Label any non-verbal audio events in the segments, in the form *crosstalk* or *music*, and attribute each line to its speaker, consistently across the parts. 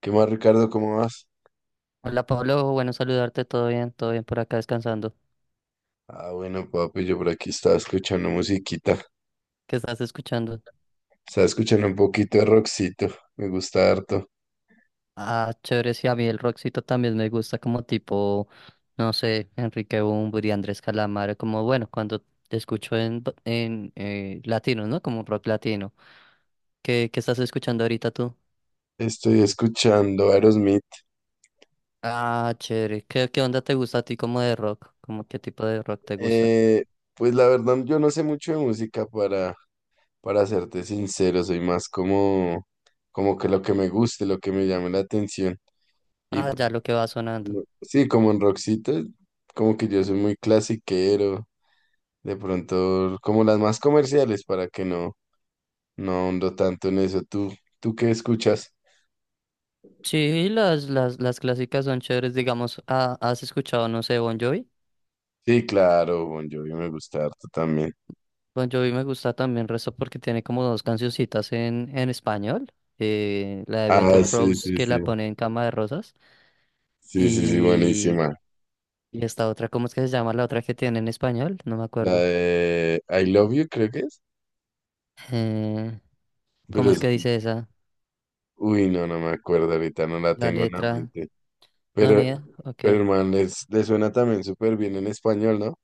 Speaker 1: ¿Qué más, Ricardo? ¿Cómo vas?
Speaker 2: Hola Pablo, bueno saludarte, todo bien por acá descansando.
Speaker 1: Ah, bueno, papi, yo por aquí estaba escuchando musiquita.
Speaker 2: ¿Qué estás escuchando?
Speaker 1: Estaba escuchando un poquito de rockcito. Me gusta harto.
Speaker 2: Ah, chévere, sí, a mí el rockcito también me gusta como tipo, no sé, Enrique Bunbury, Andrés Calamaro, como bueno, cuando te escucho en, en latino, ¿no? Como rock latino. ¿Qué estás escuchando ahorita tú?
Speaker 1: Estoy escuchando Aerosmith.
Speaker 2: Ah, chévere, ¿qué onda te gusta a ti como de rock? ¿Cómo qué tipo de rock te gusta?
Speaker 1: Eh, pues la verdad, yo no sé mucho de música para serte sincero. Soy más como, como que lo que me guste, lo que me llame la atención. Y
Speaker 2: Ah,
Speaker 1: pues,
Speaker 2: ya lo que va sonando.
Speaker 1: Sí, como en Roxita, como que yo soy muy clasiquero, de pronto como las más comerciales para que no, no ahondo tanto en eso. ¿Tú qué escuchas?
Speaker 2: Sí, las clásicas son chéveres, digamos, ah, ¿has escuchado, no sé, Bon Jovi?
Speaker 1: Sí, claro, Bon Jovi me gusta harto también.
Speaker 2: Bon Jovi me gusta también resto porque tiene como dos cancioncitas en español. La de
Speaker 1: Ah,
Speaker 2: Beto
Speaker 1: sí,
Speaker 2: Rose
Speaker 1: sí,
Speaker 2: que
Speaker 1: sí,
Speaker 2: la pone en Cama de Rosas.
Speaker 1: sí, sí, sí,
Speaker 2: Y,
Speaker 1: buenísima.
Speaker 2: y esta otra, ¿cómo es que se llama la otra que tiene en español? No me
Speaker 1: La
Speaker 2: acuerdo.
Speaker 1: de I Love You creo que es,
Speaker 2: Eh, ¿Cómo
Speaker 1: pero
Speaker 2: es
Speaker 1: es,
Speaker 2: que dice esa?
Speaker 1: uy, no, no me acuerdo ahorita, no la
Speaker 2: La
Speaker 1: tengo en la
Speaker 2: letra.
Speaker 1: mente.
Speaker 2: No, ni
Speaker 1: Pero,
Speaker 2: idea. Ok.
Speaker 1: pero el man, les suena también súper bien en español, ¿no?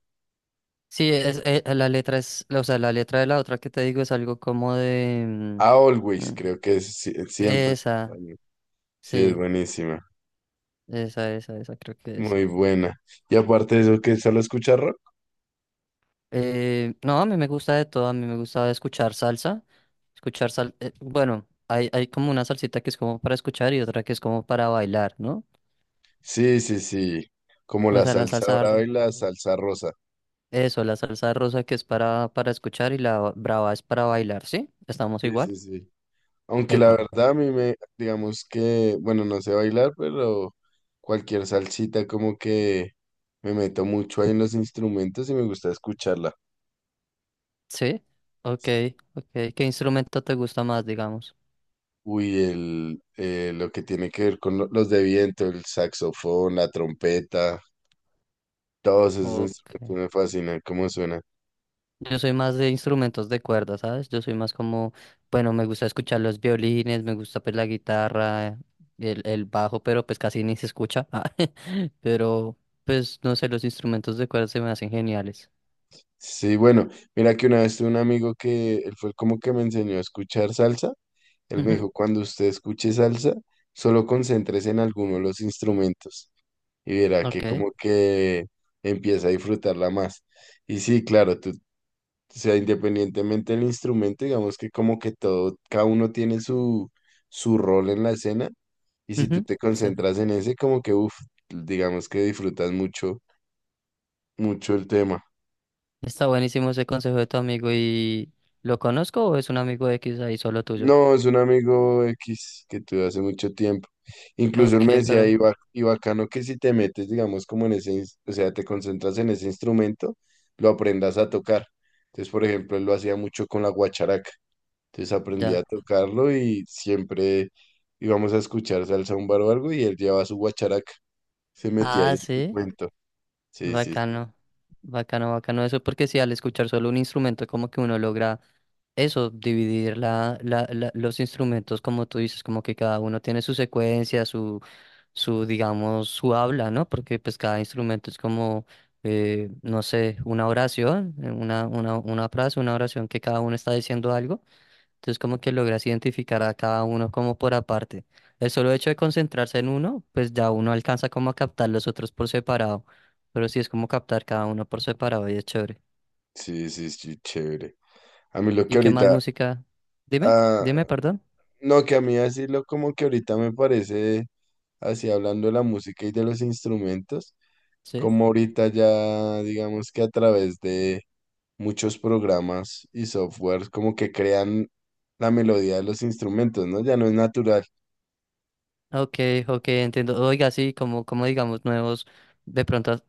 Speaker 2: Sí, es, la letra es, o sea, la letra de la otra que te digo es algo como de...
Speaker 1: A
Speaker 2: mm,
Speaker 1: Always
Speaker 2: mm,
Speaker 1: creo que es siempre.
Speaker 2: esa,
Speaker 1: Sí, es
Speaker 2: sí,
Speaker 1: buenísima,
Speaker 2: esa creo que es.
Speaker 1: muy buena. Y aparte de eso, que solo escucha rock.
Speaker 2: No, a mí me gusta de todo, a mí me gusta escuchar salsa, bueno, hay como una salsita que es como para escuchar y otra que es como para bailar, ¿no?
Speaker 1: Sí, sí, sí, como
Speaker 2: O
Speaker 1: la
Speaker 2: sea,
Speaker 1: salsa dorada y la salsa rosa.
Speaker 2: eso, la salsa rosa que es para escuchar y la brava es para bailar, ¿sí? Estamos
Speaker 1: Sí, sí,
Speaker 2: igual.
Speaker 1: sí. Aunque la
Speaker 2: Epa,
Speaker 1: verdad a mí me, digamos que, bueno, no sé bailar, pero cualquier salsita como que me meto mucho ahí en los instrumentos y me gusta escucharla.
Speaker 2: ¿sí? Ok, ok. ¿Qué instrumento te gusta más, digamos?
Speaker 1: Uy, lo que tiene que ver con los de viento, el saxofón, la trompeta, todos esos
Speaker 2: Ok.
Speaker 1: instrumentos me fascinan, cómo suena.
Speaker 2: Yo soy más de instrumentos de cuerda, ¿sabes? Yo soy más como, bueno, me gusta escuchar los violines, me gusta pues la guitarra, el bajo, pero pues casi ni se escucha. *laughs* Ah, *laughs* Pero pues no sé, los instrumentos de cuerda se me hacen geniales.
Speaker 1: Sí, bueno, mira que una vez tuve un amigo que él fue como que me enseñó a escuchar salsa. Él me
Speaker 2: Ujú,
Speaker 1: dijo, cuando usted escuche salsa, solo concéntrese en alguno de los instrumentos y verá que
Speaker 2: ok,
Speaker 1: como que empieza a disfrutarla más. Y sí, claro, tú, o sea, independientemente del instrumento, digamos que como que todo, cada uno tiene su, su rol en la escena y si tú
Speaker 2: ujú,
Speaker 1: te
Speaker 2: sí.
Speaker 1: concentras en ese, como que, uff, digamos que disfrutas mucho, mucho el tema.
Speaker 2: Está buenísimo ese consejo de tu amigo y ¿lo conozco o es un amigo X ahí solo tuyo?
Speaker 1: No, es un amigo X que tuve hace mucho tiempo. Incluso él
Speaker 2: Ok,
Speaker 1: me decía,
Speaker 2: pero
Speaker 1: y bacano que si te metes, digamos, como en ese, o sea, te concentras en ese instrumento, lo aprendas a tocar. Entonces, por ejemplo, él lo hacía mucho con la guacharaca. Entonces aprendí
Speaker 2: ya.
Speaker 1: a tocarlo y siempre íbamos a escuchar salsa un bar o algo y él llevaba su guacharaca. Se metía ahí
Speaker 2: Ah,
Speaker 1: en su
Speaker 2: sí,
Speaker 1: cuento. Sí, sí, sí.
Speaker 2: bacano. Bacano, bacano eso, porque si al escuchar solo un instrumento como que uno logra eso, dividir la, los instrumentos, como tú dices, como que cada uno tiene su secuencia, su, digamos, su habla, ¿no? Porque pues cada instrumento es como, no sé, una oración, una frase, una oración que cada uno está diciendo algo. Entonces como que logras identificar a cada uno como por aparte. El solo hecho de concentrarse en uno, pues ya uno alcanza como a captar los otros por separado. Pero sí es como captar cada uno por separado y es chévere.
Speaker 1: Sí, sí, sí, chévere. A mí lo que
Speaker 2: ¿Y qué más
Speaker 1: ahorita,
Speaker 2: música? Dime,
Speaker 1: ah,
Speaker 2: dime, perdón.
Speaker 1: no, que a mí decirlo como que ahorita me parece, así hablando de la música y de los instrumentos,
Speaker 2: Sí.
Speaker 1: como ahorita ya digamos que a través de muchos programas y softwares como que crean la melodía de los instrumentos, ¿no? Ya no es natural.
Speaker 2: Ok, ok, entiendo. Oiga, sí, como, como digamos, nuevos, de pronto,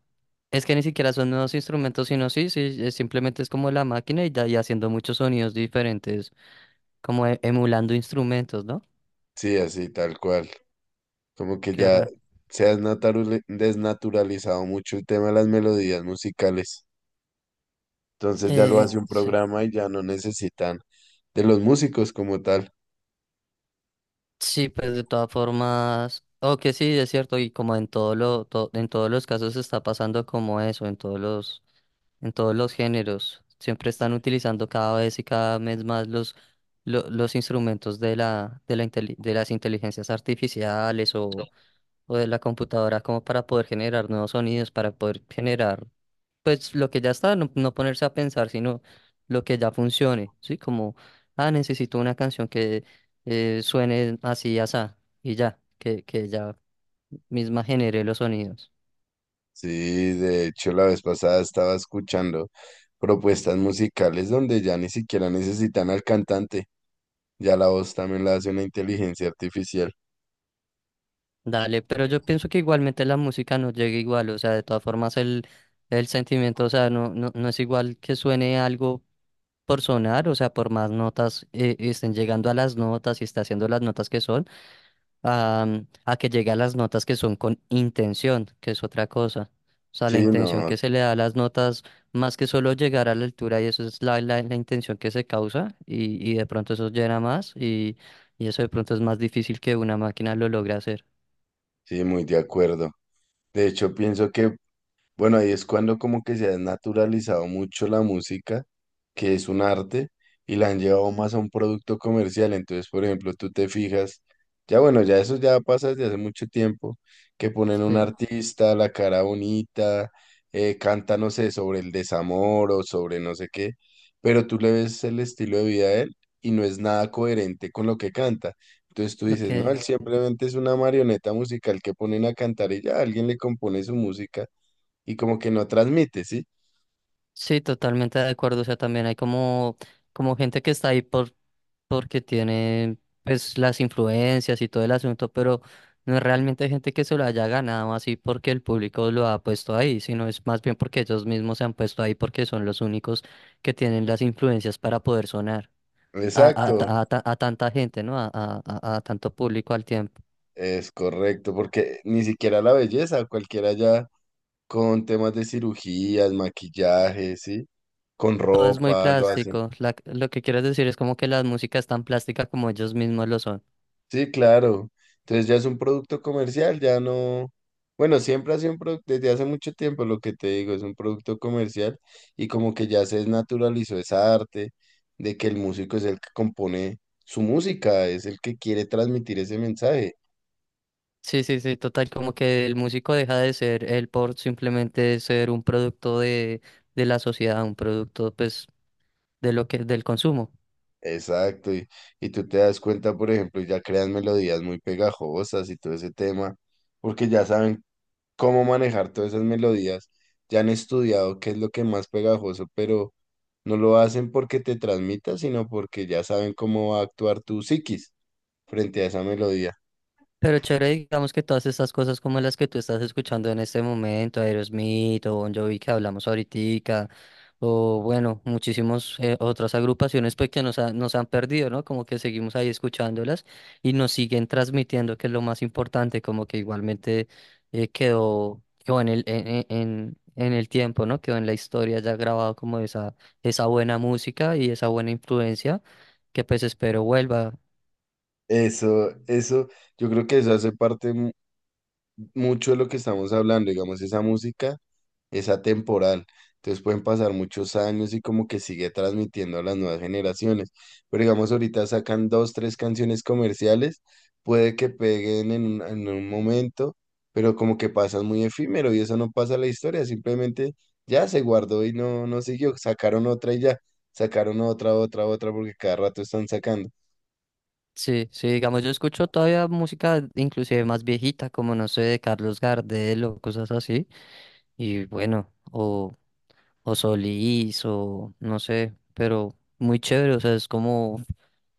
Speaker 2: es que ni siquiera son nuevos instrumentos, sino sí, sí, es simplemente es como la máquina y, y haciendo muchos sonidos diferentes, como emulando instrumentos, ¿no?
Speaker 1: Sí, así, tal cual. Como que
Speaker 2: Qué
Speaker 1: ya
Speaker 2: raro.
Speaker 1: desnaturalizado mucho el tema de las melodías musicales. Entonces ya lo hace un
Speaker 2: Sí.
Speaker 1: programa y ya no necesitan de los músicos como tal.
Speaker 2: Sí, pues de todas formas, o que sí, es cierto, y como en todo lo, en todos los casos está pasando como eso, en todos los géneros. Siempre están utilizando cada vez y cada mes más los, los instrumentos de la, de las inteligencias artificiales o de la computadora como para poder generar nuevos sonidos, para poder generar, pues lo que ya está, no, no ponerse a pensar, sino lo que ya funcione, ¿sí? Como, ah, necesito una canción que suene así y asá, y ya, que ya misma genere los sonidos.
Speaker 1: Sí, de hecho la vez pasada estaba escuchando propuestas musicales donde ya ni siquiera necesitan al cantante, ya la voz también la hace una inteligencia artificial.
Speaker 2: Dale, pero yo pienso que igualmente la música no llega igual, o sea, de todas formas el sentimiento, o sea, no, no, no es igual que suene algo por sonar, o sea, por más notas estén llegando a las notas y está haciendo las notas que son, a, a que llegue a las notas que son con intención, que es otra cosa. O sea, la
Speaker 1: Sí,
Speaker 2: intención
Speaker 1: no,
Speaker 2: que se le da a las notas, más que solo llegar a la altura, y eso es la, la intención que se causa, y de pronto eso llena más, y eso de pronto es más difícil que una máquina lo logre hacer.
Speaker 1: sí, muy de acuerdo. De hecho, pienso que bueno, ahí es cuando como que se ha naturalizado mucho la música, que es un arte, y la han llevado más a un producto comercial. Entonces, por ejemplo, tú te fijas, ya bueno, ya eso ya pasa desde hace mucho tiempo, que ponen un
Speaker 2: Sí.
Speaker 1: artista, la cara bonita, canta, no sé, sobre el desamor o sobre no sé qué, pero tú le ves el estilo de vida de él y no es nada coherente con lo que canta. Entonces tú dices, no,
Speaker 2: Okay.
Speaker 1: él simplemente es una marioneta musical que ponen a cantar y ya alguien le compone su música y como que no transmite, ¿sí?
Speaker 2: Sí, totalmente de acuerdo. O sea, también hay como, como gente que está ahí por, porque tiene pues las influencias y todo el asunto, pero no es realmente gente que se lo haya ganado así porque el público lo ha puesto ahí, sino es más bien porque ellos mismos se han puesto ahí porque son los únicos que tienen las influencias para poder sonar a,
Speaker 1: Exacto,
Speaker 2: a tanta gente, ¿no? A, a tanto público al tiempo.
Speaker 1: es correcto, porque ni siquiera la belleza, cualquiera ya con temas de cirugías, maquillaje, ¿sí? Con
Speaker 2: Todo es muy
Speaker 1: ropa, lo hacen.
Speaker 2: plástico. Lo que quieres decir es como que la música es tan plástica como ellos mismos lo son.
Speaker 1: Sí, claro. Entonces ya es un producto comercial, ya no... Bueno, siempre ha sido un producto, desde hace mucho tiempo lo que te digo, es un producto comercial y como que ya se desnaturalizó esa arte de que el músico es el que compone su música, es el que quiere transmitir ese mensaje.
Speaker 2: Sí, sí, sí, total, como que el músico deja de ser él por simplemente ser un producto de la sociedad, un producto pues de lo que, del consumo.
Speaker 1: Exacto, y tú te das cuenta, por ejemplo, y ya crean melodías muy pegajosas y todo ese tema, porque ya saben cómo manejar todas esas melodías, ya han estudiado qué es lo que más pegajoso, pero no lo hacen porque te transmita, sino porque ya saben cómo va a actuar tu psiquis frente a esa melodía.
Speaker 2: Pero chévere, digamos que todas estas cosas como las que tú estás escuchando en este momento, Aerosmith o Bon Jovi que hablamos ahorita, o bueno, muchísimas otras agrupaciones pues que nos, nos han perdido, ¿no? Como que seguimos ahí escuchándolas y nos siguen transmitiendo, que es lo más importante, como que igualmente quedó, quedó en el, en, en el tiempo, ¿no? Quedó en la historia ya grabado como esa buena música y esa buena influencia que pues espero vuelva.
Speaker 1: Eso, yo creo que eso hace parte, mucho de lo que estamos hablando, digamos, esa música es atemporal. Entonces pueden pasar muchos años y como que sigue transmitiendo a las nuevas generaciones. Pero digamos, ahorita sacan dos, tres canciones comerciales, puede que peguen en en un momento, pero como que pasan muy efímero y eso no pasa a la historia, simplemente ya se guardó y no, no siguió. Sacaron otra y ya, sacaron otra, otra, otra, porque cada rato están sacando.
Speaker 2: Sí, sí, digamos, yo escucho todavía música inclusive más viejita, como no sé, de Carlos Gardel o cosas así, y bueno, o Solís, o no sé, pero muy chévere, o sea,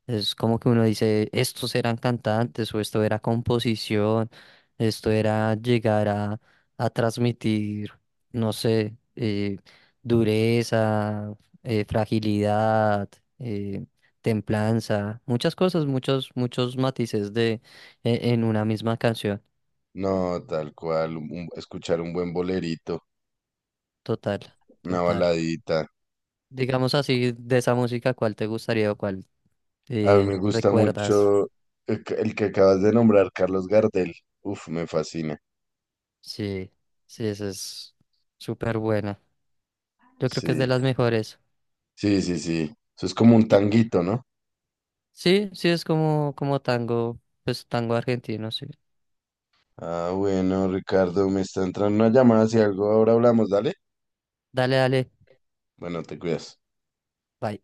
Speaker 2: es como que uno dice, estos eran cantantes o esto era composición, esto era llegar a transmitir, no sé, dureza, fragilidad, eh, templanza, muchas cosas, muchos, muchos matices de, en una misma canción.
Speaker 1: No, tal cual, escuchar un buen bolerito,
Speaker 2: Total,
Speaker 1: una
Speaker 2: total.
Speaker 1: baladita.
Speaker 2: Digamos así, de esa música, ¿cuál te gustaría o cuál
Speaker 1: A mí me gusta
Speaker 2: recuerdas?
Speaker 1: mucho el que acabas de nombrar, Carlos Gardel. Uf, me fascina.
Speaker 2: Sí, sí, esa es súper buena. Yo creo que es de
Speaker 1: Sí,
Speaker 2: las mejores.
Speaker 1: sí, sí, sí. Eso es como un
Speaker 2: Y-
Speaker 1: tanguito, ¿no?
Speaker 2: sí, sí, es como, como tango, pues tango argentino, sí.
Speaker 1: Ah, bueno, Ricardo, me está entrando una llamada. Si algo ahora hablamos, dale.
Speaker 2: Dale, dale.
Speaker 1: Bueno, te cuidas.
Speaker 2: Bye.